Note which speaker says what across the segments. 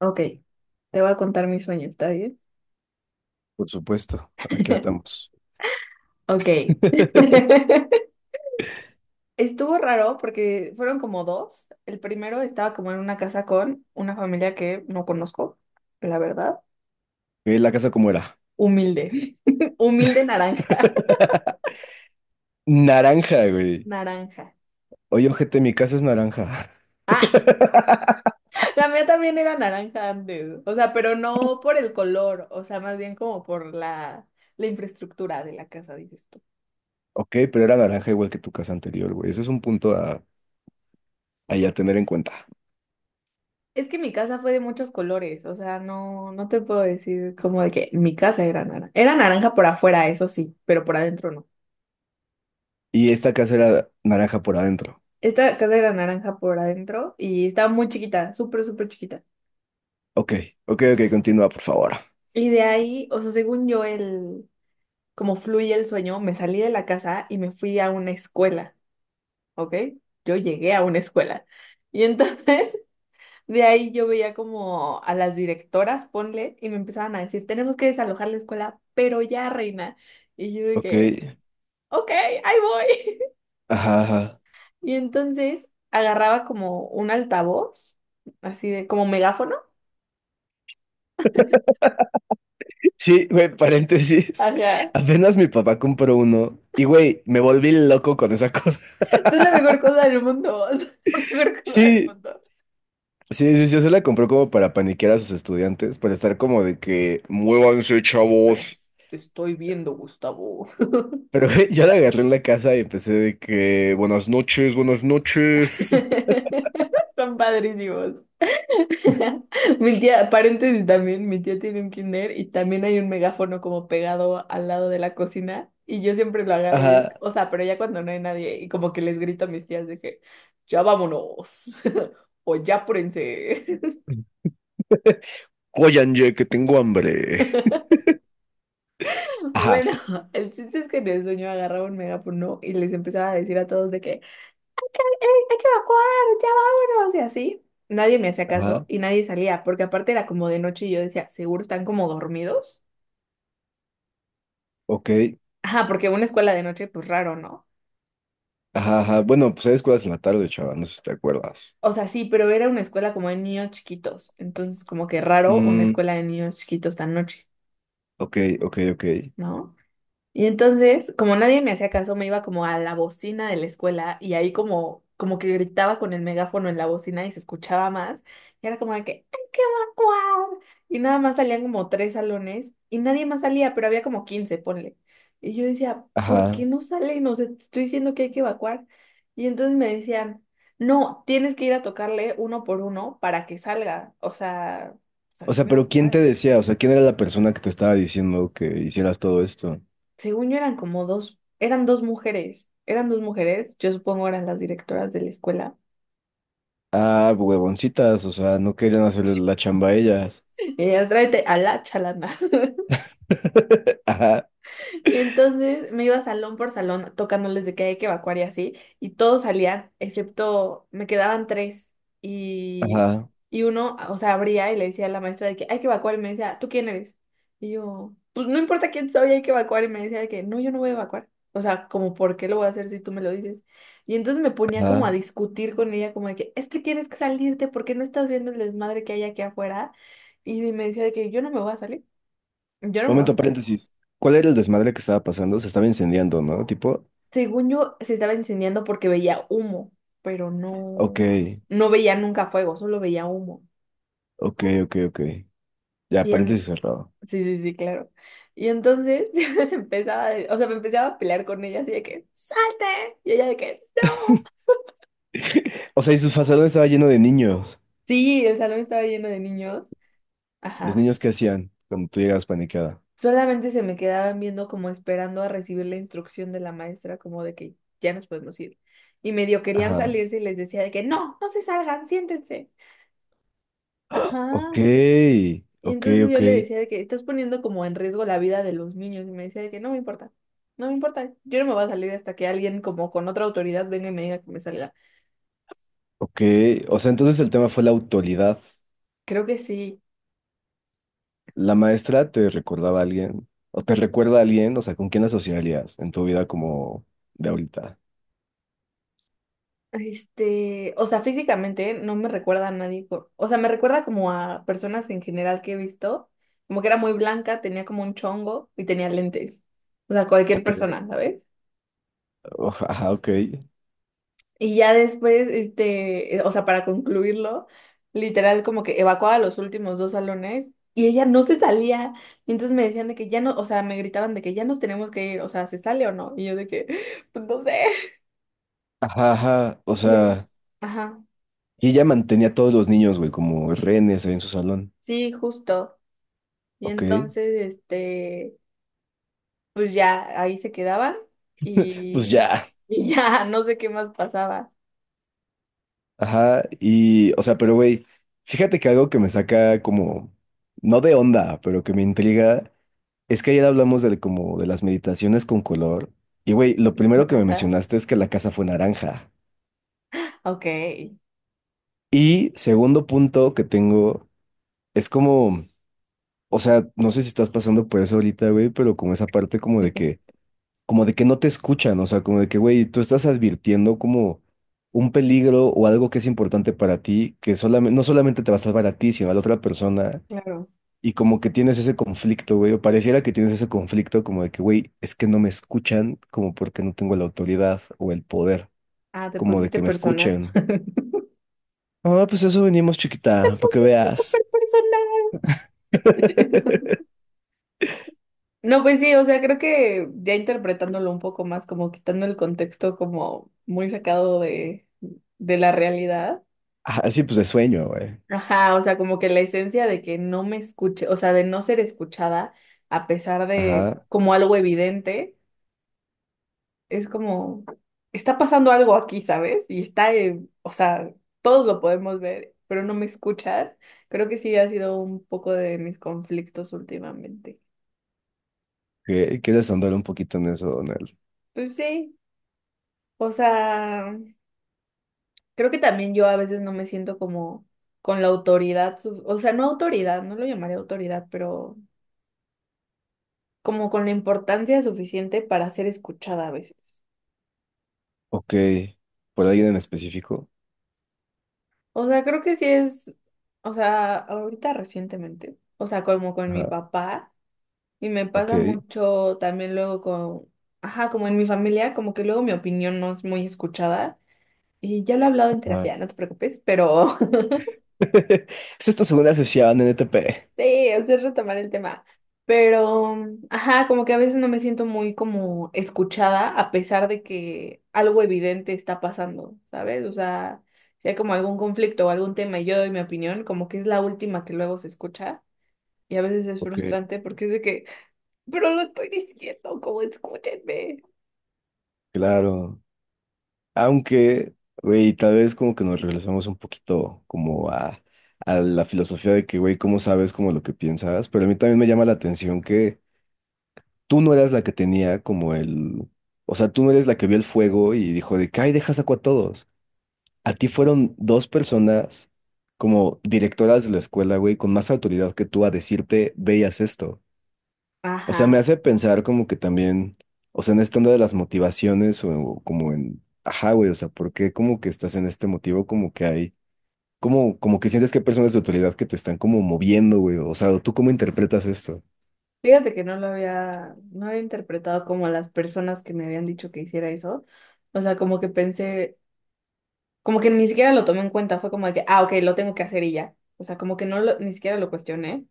Speaker 1: Ok, te voy a contar mis sueños, ¿está bien?
Speaker 2: Por supuesto, aquí estamos.
Speaker 1: Ok. Estuvo raro porque fueron como dos. El primero estaba como en una casa con una familia que no conozco, la verdad.
Speaker 2: Ve la casa como era.
Speaker 1: Humilde. Humilde naranja.
Speaker 2: Naranja, güey.
Speaker 1: Naranja.
Speaker 2: Oye, ojete, mi casa es naranja.
Speaker 1: Ah, la mía también era naranja antes. O sea, pero no por el color, o sea, más bien como por la infraestructura de la casa, dices tú.
Speaker 2: Ok, pero era naranja igual que tu casa anterior, güey. Eso es un punto a ya tener en cuenta.
Speaker 1: Es que mi casa fue de muchos colores, o sea, no te puedo decir como de que mi casa era naranja. Era naranja por afuera, eso sí, pero por adentro no.
Speaker 2: Y esta casa era naranja por adentro.
Speaker 1: Esta casa era naranja por adentro y estaba muy chiquita, súper, súper chiquita.
Speaker 2: Ok, ok, ok, continúa, por favor.
Speaker 1: Y de ahí, o sea, según yo, como fluye el sueño, me salí de la casa y me fui a una escuela, ¿ok? Yo llegué a una escuela. Y entonces, de ahí yo veía como a las directoras, ponle, y me empezaban a decir, tenemos que desalojar la escuela, pero ya, reina. Y yo de
Speaker 2: Ok,
Speaker 1: que... Ok, ahí voy.
Speaker 2: ajá, ajá.
Speaker 1: Y entonces agarraba como un altavoz, así de como megáfono.
Speaker 2: Sí, güey, paréntesis.
Speaker 1: Ajá.
Speaker 2: Apenas mi papá compró uno y, güey, me volví loco con esa cosa.
Speaker 1: Eso es la mejor cosa del mundo. es la mejor cosa del
Speaker 2: Sí,
Speaker 1: mundo.
Speaker 2: sí, sí, sí, se la compró como para paniquear a sus estudiantes, para estar como de que, muévanse, chavos.
Speaker 1: Te estoy viendo, Gustavo.
Speaker 2: Pero güey, yo la agarré en la casa y empecé de que, buenas noches, buenas noches.
Speaker 1: Son padrísimos. Mi tía, paréntesis también, mi tía tiene un kinder y también hay un megáfono como pegado al lado de la cocina y yo siempre lo agarro y es,
Speaker 2: Ajá.
Speaker 1: o sea, pero ya cuando no hay nadie y como que les grito a mis tías de que ya vámonos o ya apúrense.
Speaker 2: Oigan, ye, que tengo hambre. Ajá,
Speaker 1: Bueno, el chiste es que en el sueño agarraba un megáfono y les empezaba a decir a todos de que "Ey, hay que evacuar, ya vámonos", y así. Nadie me hacía caso
Speaker 2: ajá,
Speaker 1: y nadie salía, porque aparte era como de noche y yo decía, seguro están como dormidos.
Speaker 2: ok.
Speaker 1: Ajá, porque una escuela de noche, pues raro, ¿no?
Speaker 2: Ajá, ajá. Bueno, pues hay escuelas en la tarde, chaval, no sé si te acuerdas.
Speaker 1: O sea, sí, pero era una escuela como de niños chiquitos, entonces como que raro una
Speaker 2: Mm,
Speaker 1: escuela de niños chiquitos tan noche,
Speaker 2: ok, ok, ok.
Speaker 1: ¿no? Y entonces, como nadie me hacía caso, me iba como a la bocina de la escuela y ahí como, que gritaba con el megáfono en la bocina y se escuchaba más. Y era como de que, ¡hay que evacuar! Y nada más salían como tres salones y nadie más salía, pero había como 15 ponle. Y yo decía, ¿por qué
Speaker 2: Ajá.
Speaker 1: no salen? O sea, te estoy diciendo que hay que evacuar. Y entonces me decían, no, tienes que ir a tocarle uno por uno para que salga. O sea, pues
Speaker 2: O
Speaker 1: así
Speaker 2: sea,
Speaker 1: no
Speaker 2: pero
Speaker 1: se
Speaker 2: ¿quién te
Speaker 1: puede.
Speaker 2: decía? O sea, ¿quién era la persona que te estaba diciendo que hicieras todo esto?
Speaker 1: Según yo eran como dos, eran dos mujeres, yo supongo eran las directoras de la escuela.
Speaker 2: Ah, huevoncitas, o sea, no querían hacerle la chamba a ellas.
Speaker 1: Y ellas, tráete a la chalana.
Speaker 2: Ajá,
Speaker 1: Y entonces me iba salón por salón tocándoles de que hay que evacuar y así, y todos salían, excepto me quedaban tres. Y,
Speaker 2: ajá,
Speaker 1: y uno, o sea, abría y le decía a la maestra de que hay que evacuar y me decía, ¿tú quién eres? Y yo, pues no importa quién soy, hay que evacuar. Y me decía de que no, yo no voy a evacuar. O sea, como, ¿por qué lo voy a hacer si tú me lo dices? Y entonces me ponía como a
Speaker 2: ajá.
Speaker 1: discutir con ella, como de que es que tienes que salirte, ¿por qué no estás viendo el desmadre que hay aquí afuera? Y me decía de que yo no me voy a salir, yo no me voy a
Speaker 2: Momento,
Speaker 1: salir.
Speaker 2: paréntesis. ¿Cuál era el desmadre que estaba pasando? Se estaba incendiando, ¿no? Tipo,
Speaker 1: Según yo, se estaba incendiando porque veía humo, pero no,
Speaker 2: ok,
Speaker 1: no veía nunca fuego, solo veía humo.
Speaker 2: ok, ok, ok. Ya,
Speaker 1: Y en...
Speaker 2: paréntesis cerrado.
Speaker 1: Sí, sí, sí, claro. Y entonces yo les empezaba, o sea, me empezaba a pelear con ella así de que, ¡salte! Y ella de que, ¡no!
Speaker 2: O sea, y su fazadón estaba lleno de niños.
Speaker 1: Sí, el salón estaba lleno de niños.
Speaker 2: Los
Speaker 1: Ajá.
Speaker 2: niños qué hacían cuando tú llegabas paniqueada.
Speaker 1: Solamente se me quedaban viendo como esperando a recibir la instrucción de la maestra, como de que ya nos podemos ir. Y medio querían
Speaker 2: Ajá.
Speaker 1: salirse y les decía de que, ¡no! ¡No se salgan! ¡Siéntense!
Speaker 2: ¡Ah!
Speaker 1: Ajá.
Speaker 2: Ok,
Speaker 1: Y
Speaker 2: ok,
Speaker 1: entonces yo
Speaker 2: ok,
Speaker 1: le decía de que estás poniendo como en riesgo la vida de los niños. Y me decía de que no me importa, no me importa. Yo no me voy a salir hasta que alguien como con otra autoridad venga y me diga que me salga.
Speaker 2: ok. O sea, entonces el tema fue la autoridad.
Speaker 1: Creo que sí.
Speaker 2: ¿La maestra te recordaba a alguien? ¿O te recuerda a alguien? O sea, ¿con quién la asociarías en tu vida como de ahorita?
Speaker 1: O sea, físicamente no me recuerda a nadie. O sea, me recuerda como a personas en general que he visto. Como que era muy blanca, tenía como un chongo y tenía lentes. O sea, cualquier
Speaker 2: Ok.
Speaker 1: persona, ¿sabes?
Speaker 2: Ajá, ok.
Speaker 1: Y ya después, o sea, para concluirlo, literal como que evacuaba los últimos dos salones y ella no se salía. Y entonces me decían de que ya no, o sea, me gritaban de que ya nos tenemos que ir, o sea, ¿se sale o no? Y yo de que, pues no sé.
Speaker 2: Ajá, ajá. O
Speaker 1: Y le-
Speaker 2: sea,
Speaker 1: Ajá,
Speaker 2: y ella mantenía a todos los niños, güey, como rehenes ahí en su salón.
Speaker 1: sí, justo. Y
Speaker 2: Ok.
Speaker 1: entonces, pues ya ahí se quedaban
Speaker 2: Pues
Speaker 1: y,
Speaker 2: ya.
Speaker 1: y ya no sé qué más pasaba.
Speaker 2: Ajá. Y, o sea, pero güey, fíjate que algo que me saca como, no de onda, pero que me intriga, es que ayer hablamos de como de las meditaciones con color. Y güey, lo primero que me
Speaker 1: Ajá.
Speaker 2: mencionaste es que la casa fue naranja.
Speaker 1: Ok,
Speaker 2: Y segundo punto que tengo es como, o sea, no sé si estás pasando por eso ahorita, güey, pero como esa parte como de que no te escuchan, o sea, como de que, güey, tú estás advirtiendo como un peligro o algo que es importante para ti, que solamente, no solamente te va a salvar a ti, sino a la otra persona,
Speaker 1: claro.
Speaker 2: y como que tienes ese conflicto, güey, o pareciera que tienes ese conflicto como de que, güey, es que no me escuchan, como porque no tengo la autoridad o el poder,
Speaker 1: Ah, te
Speaker 2: como de
Speaker 1: pusiste
Speaker 2: que me
Speaker 1: personal.
Speaker 2: escuchen. Ah, pues eso venimos,
Speaker 1: Te
Speaker 2: chiquita, para que
Speaker 1: pusiste súper
Speaker 2: veas.
Speaker 1: personal. No, pues sí, o sea, creo que ya interpretándolo un poco más, como quitando el contexto como muy sacado de la realidad.
Speaker 2: Ajá, sí, pues de sueño, güey.
Speaker 1: Ajá, o sea, como que la esencia de que no me escuche, o sea, de no ser escuchada a pesar de
Speaker 2: Ajá.
Speaker 1: como algo evidente, es como, está pasando algo aquí, ¿sabes? Y está, o sea, todos lo podemos ver, pero no me escuchar. Creo que sí ha sido un poco de mis conflictos últimamente.
Speaker 2: ¿Quieres ahondar un poquito en eso, Donald?
Speaker 1: Pues sí, o sea... Creo que también yo a veces no me siento como con la autoridad, o sea, no autoridad, no lo llamaré autoridad, pero como con la importancia suficiente para ser escuchada a veces.
Speaker 2: Ok. ¿Por alguien en específico?
Speaker 1: O sea, creo que sí es, o sea, ahorita recientemente, o sea, como con mi
Speaker 2: Ajá.
Speaker 1: papá, y me
Speaker 2: Ok.
Speaker 1: pasa mucho también luego con, ajá, como en mi familia, como que luego mi opinión no es muy escuchada, y ya lo he hablado en
Speaker 2: Ajá.
Speaker 1: terapia, no te preocupes, pero.
Speaker 2: Es esta segunda sesión en ETP.
Speaker 1: Sí, o sea, es retomar el tema. Pero, ajá, como que a veces no me siento muy como escuchada a pesar de que algo evidente está pasando, ¿sabes? O sea, si hay como algún conflicto o algún tema y yo doy mi opinión, como que es la última que luego se escucha y a veces es
Speaker 2: Ok.
Speaker 1: frustrante porque es de que, pero lo estoy diciendo, como escúchenme.
Speaker 2: Claro. Aunque, güey, tal vez como que nos regresamos un poquito como a la filosofía de que, güey, ¿cómo sabes como lo que piensas? Pero a mí también me llama la atención que tú no eras la que tenía como el... O sea, tú no eres la que vio el fuego y dijo de que, ay, deja saco a todos. A ti fueron dos personas como directoras de la escuela, güey, con más autoridad que tú a decirte, veías esto. O sea, me
Speaker 1: Ajá.
Speaker 2: hace pensar como que también, o sea, en esta onda de las motivaciones o como en, ajá, güey, o sea, ¿por qué como que estás en este motivo? Como que hay, como, como que sientes que hay personas de autoridad que te están como moviendo, güey, o sea, ¿tú cómo interpretas esto?
Speaker 1: Fíjate que no había interpretado como las personas que me habían dicho que hiciera eso. O sea, como que pensé, como que ni siquiera lo tomé en cuenta, fue como de que, ah, ok, lo tengo que hacer y ya. O sea, como que ni siquiera lo cuestioné,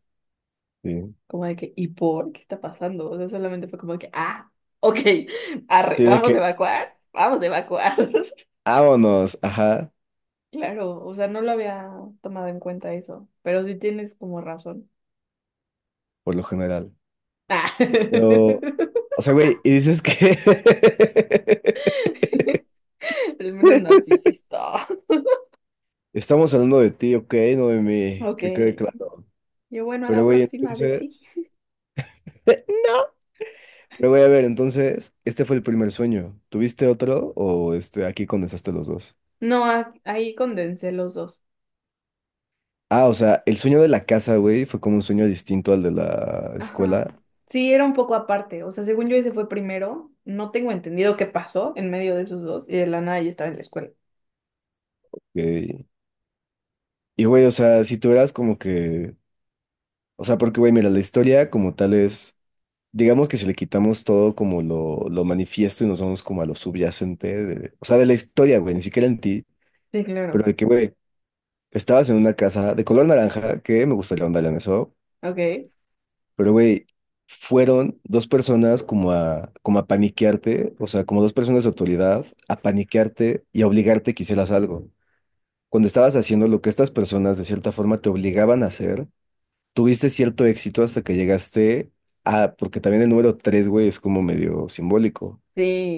Speaker 2: Sí,
Speaker 1: como de que, ¿y por qué está pasando? O sea, solamente fue como de que, ah, ok, arre,
Speaker 2: sí, de
Speaker 1: vamos a
Speaker 2: que,
Speaker 1: evacuar, vamos a evacuar.
Speaker 2: vámonos, ajá,
Speaker 1: Claro, o sea, no lo había tomado en cuenta eso, pero sí tienes como razón.
Speaker 2: por lo general.
Speaker 1: Ah.
Speaker 2: Pero, o sea, güey, y dices que...
Speaker 1: El menos narcisista.
Speaker 2: Estamos hablando de ti, ok, no de mí,
Speaker 1: Ok,
Speaker 2: que quede claro.
Speaker 1: yo bueno, a
Speaker 2: Pero
Speaker 1: la
Speaker 2: güey,
Speaker 1: próxima de ti.
Speaker 2: entonces... no. Pero voy a ver, entonces, este fue el primer sueño. ¿Tuviste otro o este, aquí condensaste los dos?
Speaker 1: No, ahí condensé los dos.
Speaker 2: Ah, o sea, el sueño de la casa, güey, fue como un sueño distinto al de la
Speaker 1: Ajá.
Speaker 2: escuela.
Speaker 1: Sí, era un poco aparte. O sea, según yo ese fue primero. No tengo entendido qué pasó en medio de esos dos. Y de la nada ya estaba en la escuela.
Speaker 2: Ok. Y güey, o sea, si tú eras como que... O sea, porque güey, mira, la historia como tal es... Digamos que si le quitamos todo como lo manifiesto y nos vamos como a lo subyacente de- o sea, de la historia, güey, ni siquiera en ti,
Speaker 1: Sí,
Speaker 2: pero
Speaker 1: claro.
Speaker 2: de que, güey, estabas en una casa de color naranja, que me gustaría ahondar en eso,
Speaker 1: Ok.
Speaker 2: pero güey, fueron dos personas como a, como a paniquearte, o sea, como dos personas de autoridad, a paniquearte y a obligarte que hicieras algo. Cuando estabas haciendo lo que estas personas de cierta forma te obligaban a hacer, tuviste cierto éxito hasta que llegaste a, porque también el número tres, güey, es como medio simbólico.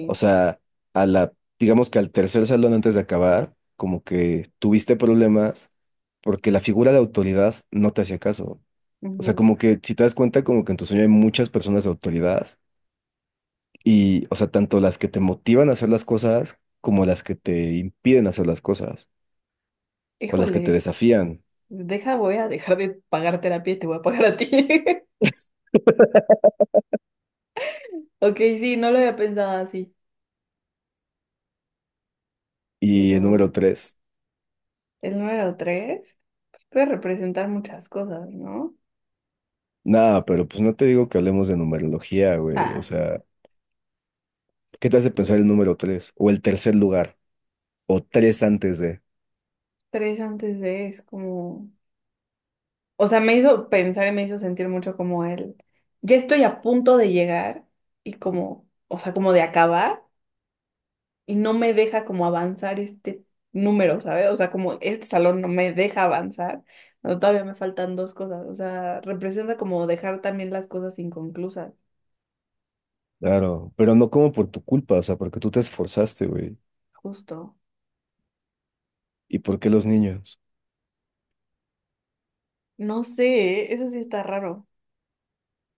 Speaker 2: O sea, a la, digamos que al tercer salón antes de acabar, como que tuviste problemas porque la figura de autoridad no te hacía caso. O sea,
Speaker 1: Ujú.
Speaker 2: como que si te das cuenta, como que en tu sueño hay muchas personas de autoridad y, o sea, tanto las que te motivan a hacer las cosas como las que te impiden hacer las cosas o las que te
Speaker 1: Híjole.
Speaker 2: desafían.
Speaker 1: Deja, voy a dejar de pagar terapia y te voy a pagar a ti. Ok, sí, no lo había pensado así.
Speaker 2: Y
Speaker 1: Pero
Speaker 2: el número tres,
Speaker 1: el número tres puede representar muchas cosas, ¿no?
Speaker 2: nada, pero pues no te digo que hablemos de numerología, güey. O
Speaker 1: Ah,
Speaker 2: sea, ¿qué te hace pensar el número tres o el tercer lugar o tres antes?
Speaker 1: tres antes de es como. O sea, me hizo pensar y me hizo sentir mucho como ya estoy a punto de llegar y como, o sea, como de acabar y no me deja como avanzar este número, ¿sabes? O sea, como este salón no me deja avanzar, no, todavía me faltan dos cosas, o sea, representa como dejar también las cosas inconclusas,
Speaker 2: Claro, pero no como por tu culpa, o sea, porque tú te esforzaste, güey.
Speaker 1: justo.
Speaker 2: ¿Y por qué los niños?
Speaker 1: No sé, ¿eh? Eso sí está raro.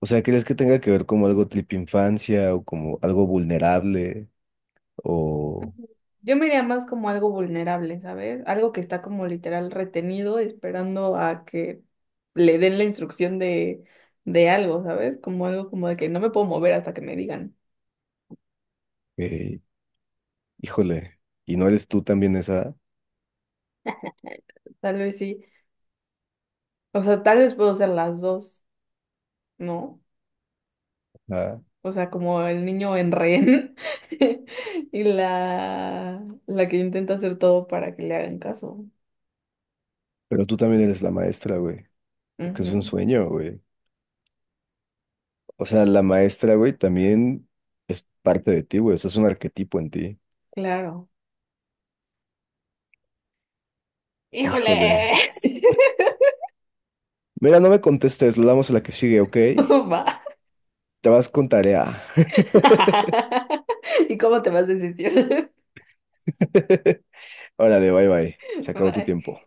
Speaker 2: O sea, ¿crees que tenga que ver como algo tipo infancia o como algo vulnerable o,
Speaker 1: Ujú. Yo me iría más como algo vulnerable, ¿sabes? Algo que está como literal retenido, esperando a que le den la instrucción de, algo, ¿sabes? Como algo como de que no me puedo mover hasta que me digan.
Speaker 2: eh, híjole, y no eres tú también esa,
Speaker 1: Tal vez sí. O sea, tal vez puedo ser las dos, ¿no?
Speaker 2: ah,
Speaker 1: O sea, como el niño en rehén y la que intenta hacer todo para que le hagan caso.
Speaker 2: pero tú también eres la maestra, güey, porque es un
Speaker 1: Ujú,
Speaker 2: sueño, güey. O sea, la maestra, güey, también es parte de ti, güey, eso es un arquetipo en ti.
Speaker 1: Claro.
Speaker 2: Híjole.
Speaker 1: ¡Híjoles!
Speaker 2: Mira, no me contestes, lo damos a la que sigue, ¿ok?
Speaker 1: Va.
Speaker 2: Te vas con tarea.
Speaker 1: ¿Y cómo te vas a desistir?
Speaker 2: Órale, bye bye. Se acabó tu
Speaker 1: Bye.
Speaker 2: tiempo.